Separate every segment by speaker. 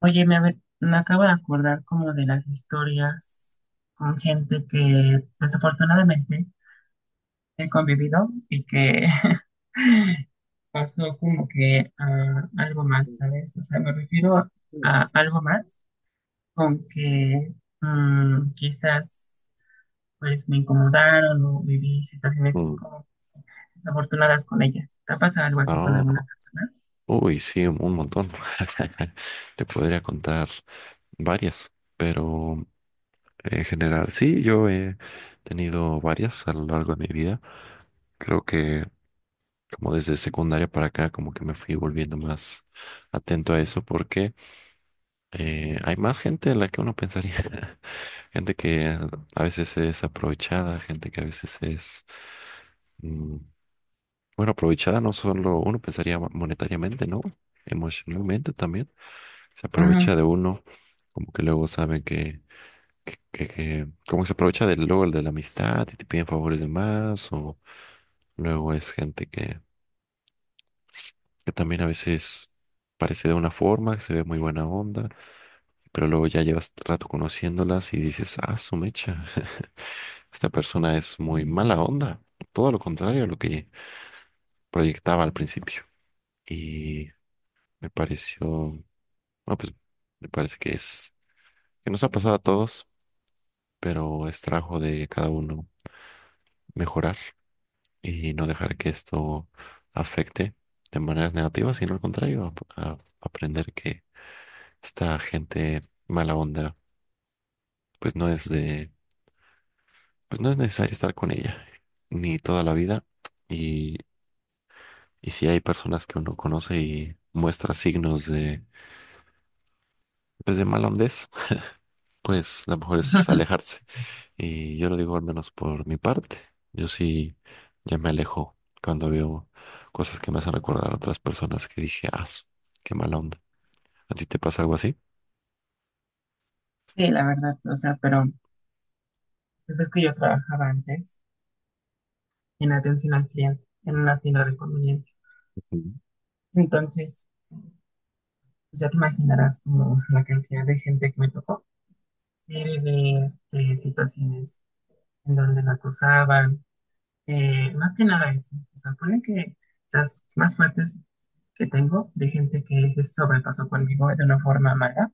Speaker 1: Oye, me acabo de acordar como de las historias con gente que desafortunadamente he convivido y que pasó como que a algo más, ¿sabes? O sea, me refiero a algo más con que quizás pues me incomodaron o viví situaciones
Speaker 2: Mm.
Speaker 1: como desafortunadas con ellas. ¿Te ha pasado algo así con
Speaker 2: Ah,
Speaker 1: alguna persona?
Speaker 2: uy, sí, un montón. Te podría contar varias, pero en general, sí, yo he tenido varias a lo largo de mi vida. Creo que como desde secundaria para acá, como que me fui volviendo más atento a eso porque hay más gente de la que uno pensaría. Gente que a veces es aprovechada, gente que a veces es... mm, bueno, aprovechada no solo uno pensaría monetariamente, ¿no? Emocionalmente también. Se aprovecha de uno, como que luego saben que como que se aprovecha del luego el de la amistad y te piden favores de más, o luego es gente que también a veces parece de una forma, que se ve muy buena onda, pero luego ya llevas rato conociéndolas y dices, ah, su mecha, esta persona es muy mala onda. Todo lo contrario a lo que proyectaba al principio. y Me pareció, ah, pues me parece que es, que nos ha pasado a todos, pero es trabajo de cada uno mejorar y no dejar que esto afecte de maneras negativas, sino al contrario, aprender que esta gente mala onda, pues no es de, pues no es necesario estar con ella, ni toda la vida. Y, y si hay personas que uno conoce y muestra signos de, pues de mala hondez, pues lo mejor es
Speaker 1: Ujú.
Speaker 2: alejarse. Y yo lo digo al menos por mi parte. Yo sí ya me alejo cuando veo cosas que me hacen recordar a otras personas que dije, ah, qué mala onda. ¿A ti te pasa algo así?
Speaker 1: Sí, la verdad, o sea, pero pues es que yo trabajaba antes en atención al cliente, en una tienda de conveniencia.
Speaker 2: Ujú.
Speaker 1: Entonces, pues ya te imaginarás como la cantidad de gente que me tocó, serie de este, situaciones en donde la acosaban, más que nada eso. O sea, ponen que las más fuertes que tengo de gente que se sobrepasó conmigo de una forma mala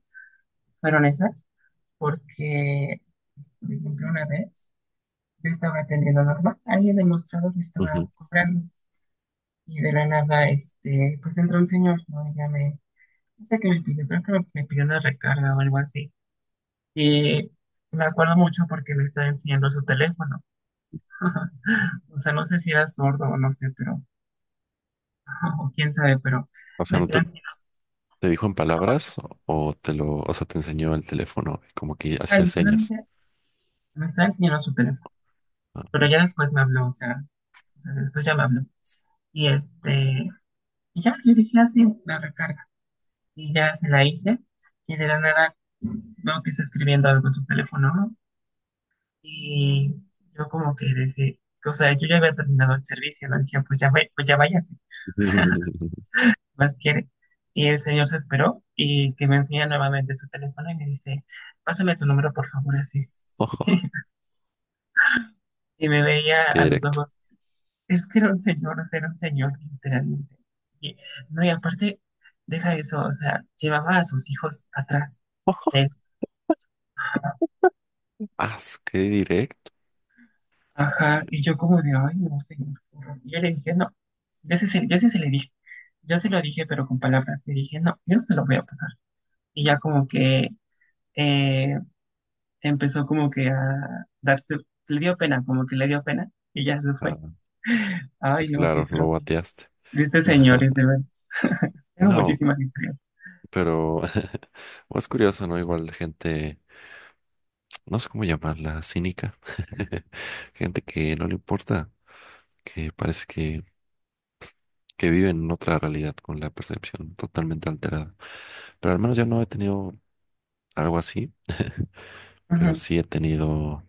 Speaker 1: fueron esas, porque, por ejemplo, una vez yo estaba atendiendo normal, ahí el demostrador me
Speaker 2: Ujú.
Speaker 1: estaba cobrando y de la nada, este, pues entró un señor, ¿no? Y ya me… No sé qué me pidió, creo que me pidió una recarga o algo así. Y me acuerdo mucho porque me estaba enseñando su teléfono. O sea, no sé si era sordo o no sé, pero, o quién sabe, pero
Speaker 2: O sea,
Speaker 1: me
Speaker 2: ¿no
Speaker 1: estaba
Speaker 2: te,
Speaker 1: enseñando su
Speaker 2: ¿te dijo en
Speaker 1: teléfono. O sea,
Speaker 2: palabras o sea, te enseñó el teléfono y como que
Speaker 1: ah,
Speaker 2: hacía señas?
Speaker 1: literalmente me estaba enseñando su teléfono.
Speaker 2: Ah.
Speaker 1: Pero ya después me habló, o sea, después ya me habló. Y este, y ya le dije así, la recarga. Y ya se la hice. Y de la nada veo que está escribiendo algo en su teléfono, ¿no? Y yo como que decía, o sea, yo ya había terminado el servicio, le dije, pues ya, pues ya váyase, o sea, más quiere. Y el señor se esperó y que me enseña nuevamente su teléfono y me dice, pásame tu número, por favor, así.
Speaker 2: Ojo,
Speaker 1: Y me veía
Speaker 2: qué
Speaker 1: a los
Speaker 2: directo.
Speaker 1: ojos, es que era un señor, o sea, era un señor, literalmente. Y, no, y aparte, deja eso, o sea, llevaba a sus hijos atrás de él.
Speaker 2: Ah, qué directo.
Speaker 1: Ajá, y yo como de, ay, no sé. Y yo le dije, no, yo sí se le dije, yo se lo dije, pero con palabras, le dije, no, yo no se lo voy a pasar. Y ya como que eh, empezó como que a darse, le dio pena, como que le dio pena, y ya se fue.
Speaker 2: Ah,
Speaker 1: Ay,
Speaker 2: pues
Speaker 1: no, sí,
Speaker 2: claro, lo
Speaker 1: pero
Speaker 2: bateaste.
Speaker 1: tristes señores, de verdad. Tengo
Speaker 2: No,
Speaker 1: muchísimas historias.
Speaker 2: pero es curioso, ¿no? Igual gente, no sé cómo llamarla, cínica. Gente que no le importa, que parece que vive en otra realidad con la percepción totalmente alterada. Pero al menos yo no he tenido algo así, pero
Speaker 1: Ujú,
Speaker 2: sí he tenido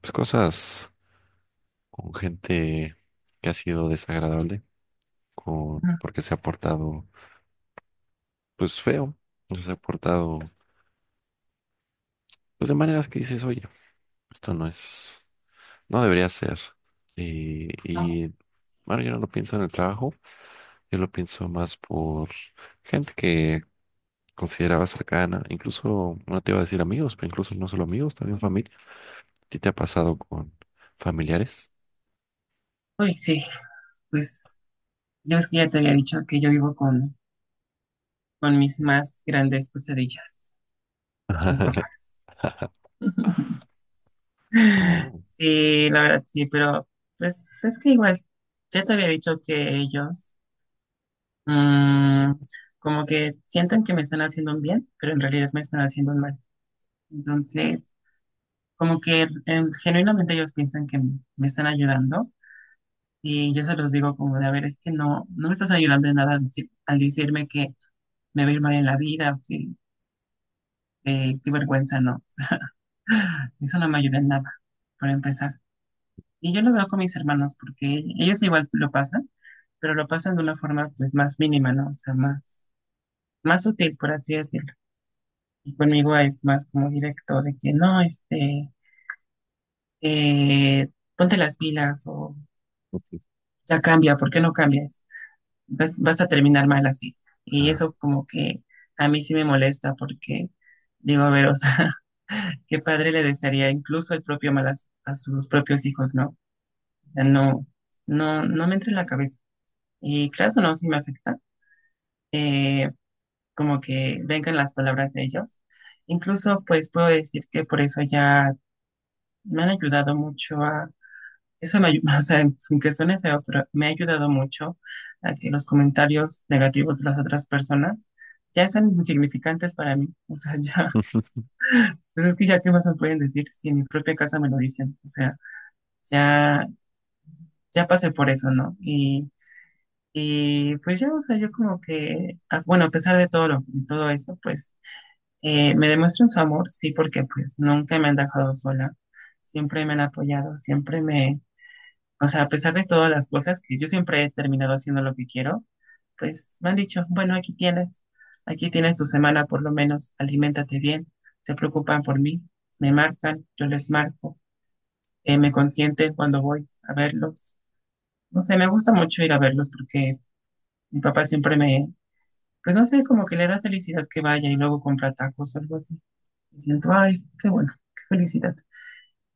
Speaker 2: pues, cosas con gente que ha sido desagradable, con,
Speaker 1: ujú,
Speaker 2: porque se ha portado pues feo, o se ha portado pues de maneras que dices, oye, esto no es, no debería ser. Y,
Speaker 1: ujú.
Speaker 2: y bueno, yo no lo pienso en el trabajo. Yo lo pienso más por gente que consideraba cercana, incluso, no te iba a decir amigos, pero incluso no solo amigos, también familia. ¿A ti te ha pasado con familiares?
Speaker 1: Uy, sí, pues yo es que ya te había dicho que yo vivo con mis más grandes pesadillas, mis papás.
Speaker 2: Oh,
Speaker 1: Sí, la verdad sí, pero pues es que igual, ya te había dicho que ellos mm, como que sienten que me están haciendo un bien, pero en realidad me están haciendo un mal. Entonces, como que genuinamente ellos piensan que me están ayudando y yo se los digo como de, a ver, es que no, no me estás ayudando en nada al, al decirme que me va a ir mal en la vida o que qué vergüenza, no. Eso no me ayuda en nada, por empezar. Y yo lo veo con mis hermanos porque ellos igual lo pasan. Pero lo pasan de una forma pues más mínima, ¿no? O sea, más, más sutil, por así decirlo. Y conmigo es más como directo de que no, este, eh, ponte las pilas o ya cambia, ¿por qué no cambias? Vas a terminar mal así. Y
Speaker 2: ah.
Speaker 1: eso como que a mí sí me molesta porque digo, a ver, o sea, qué padre le desearía incluso el propio mal a, a sus propios hijos, ¿no? O sea, no, no me entra en la cabeza. Y claro, no, sí me afecta. Eh, Como que vengan las palabras de ellos. Incluso, pues puedo decir que por eso ya me han ayudado mucho a, eso me ayuda, o sea, sin que suene feo, pero me ha ayudado mucho a que los comentarios negativos de las otras personas ya sean insignificantes para mí. O sea, ya, pues es que ya qué más me pueden decir si en mi propia casa me lo dicen. O sea, ya, ya pasé por eso, ¿no? Y pues ya, o sea, yo como que, ah, bueno, a pesar de todo de todo eso, pues… Me demuestran su amor, sí, porque pues nunca me han dejado sola, siempre me han apoyado, siempre me, o sea, a pesar de todas las cosas que yo siempre he terminado haciendo lo que quiero, pues me han dicho, bueno, aquí tienes tu semana por lo menos, aliméntate bien, se preocupan por mí, me marcan, yo les marco, me consienten cuando voy a verlos. No sé, me gusta mucho ir a verlos porque mi papá siempre me, pues no sé, como que le da felicidad que vaya y luego compra tacos o algo así. Y siento, ay, qué bueno, qué felicidad.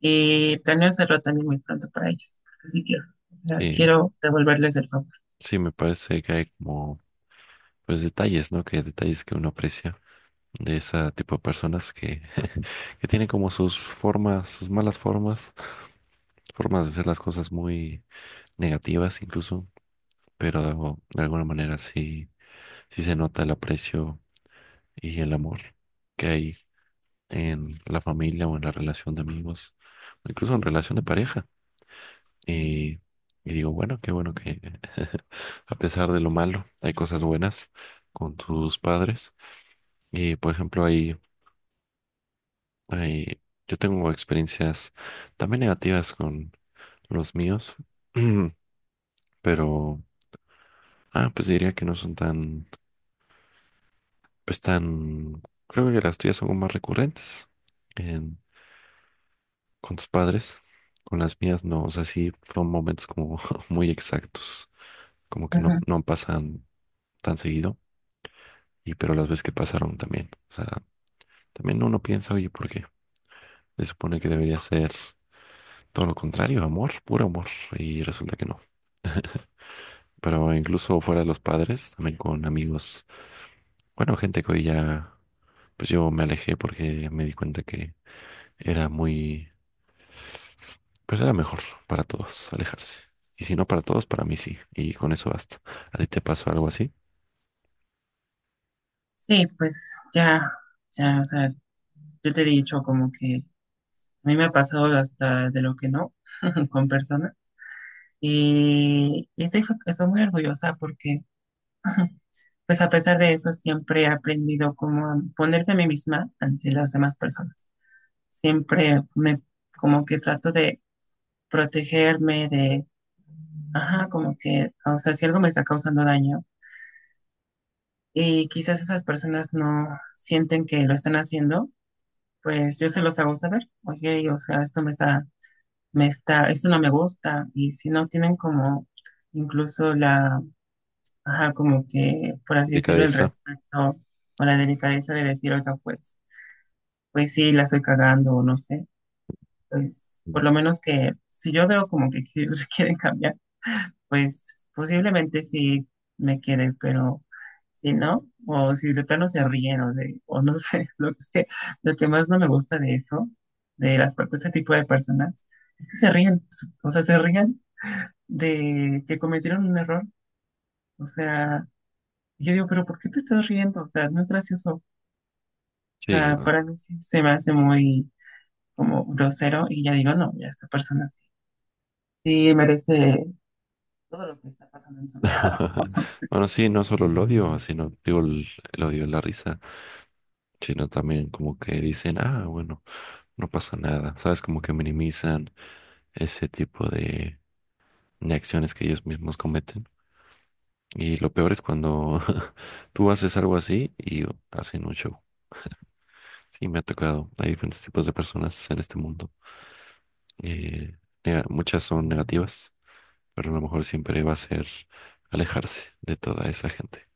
Speaker 1: Y planeo hacerlo también muy pronto para ellos, porque sí quiero. O sea,
Speaker 2: Sí,
Speaker 1: quiero devolverles el favor.
Speaker 2: sí, me parece que hay como, pues detalles, ¿no? Que detalles que uno aprecia de ese tipo de personas que, que tienen como sus formas, sus malas formas, formas de hacer las cosas muy negativas incluso, pero de, de alguna manera sí. Sí se nota el aprecio y el amor que hay en la familia o en la relación de amigos, o incluso en relación de pareja. Y, digo, bueno, qué bueno que a pesar de lo malo, hay cosas buenas con tus padres. Y por ejemplo, ahí, ahí yo tengo experiencias también negativas con los míos, pero ah, pues diría que no son tan, pues tan, creo que las tuyas son más recurrentes. Con tus padres, con las mías no, o sea, sí fueron momentos como muy exactos, como que no,
Speaker 1: Ajá.
Speaker 2: no pasan tan seguido, y pero las veces que pasaron también, o sea, también uno piensa, oye, ¿por qué? Se supone que debería ser todo lo contrario, amor, puro amor, y resulta que no. Pero incluso fuera de los padres, también con amigos, bueno, gente que hoy ya, pues yo me alejé porque me di cuenta que era muy. Pues era mejor para todos alejarse. Y si no para todos, para mí sí. Y con eso basta. ¿A ti te pasó algo así?
Speaker 1: Sí, pues ya, ya, o sea, yo te he dicho como que a mí me ha pasado hasta de lo que no con personas y estoy muy orgullosa porque pues a pesar de eso siempre he aprendido como a ponerme a mí misma ante las demás personas. Siempre me como que trato de protegerme, de… Ajá, como que, o sea, si algo me está causando daño y quizás esas personas no sienten que lo están haciendo, pues yo se los hago saber. Oye, o sea, me está, esto no me gusta. Y si no tienen como incluso la, ajá, como que, por así decirlo, el
Speaker 2: Delicadeza.
Speaker 1: respeto o la delicadeza de decir, oiga, pues, pues sí, la estoy cagando o no sé, pues
Speaker 2: Mm.
Speaker 1: por lo menos que si yo veo como que quieren cambiar pues posiblemente sí me quede, pero si no, o si de plano se ríen, o no sé, lo que más no me gusta de eso, de las partes de este tipo de personas, es que se ríen, o sea, se ríen de que cometieron un error, o sea, yo digo, pero ¿por qué te estás riendo? O sea, no es gracioso, o
Speaker 2: Sí.
Speaker 1: sea, para mí sí se me hace muy como grosero y ya digo, no, ya esta persona sí, sí merece todo lo que está pasando en su vida.
Speaker 2: Bueno, sí, no solo el odio, sino digo el odio y la risa, sino también como que dicen, ah, bueno, no pasa nada. ¿Sabes? Como que minimizan ese tipo de acciones que ellos mismos cometen. Y lo peor es cuando tú haces algo así y hacen mucho. Sí, me ha tocado. Hay diferentes tipos de personas en este mundo. Eh, muchas son negativas, pero a lo mejor siempre va a ser alejarse de toda esa gente.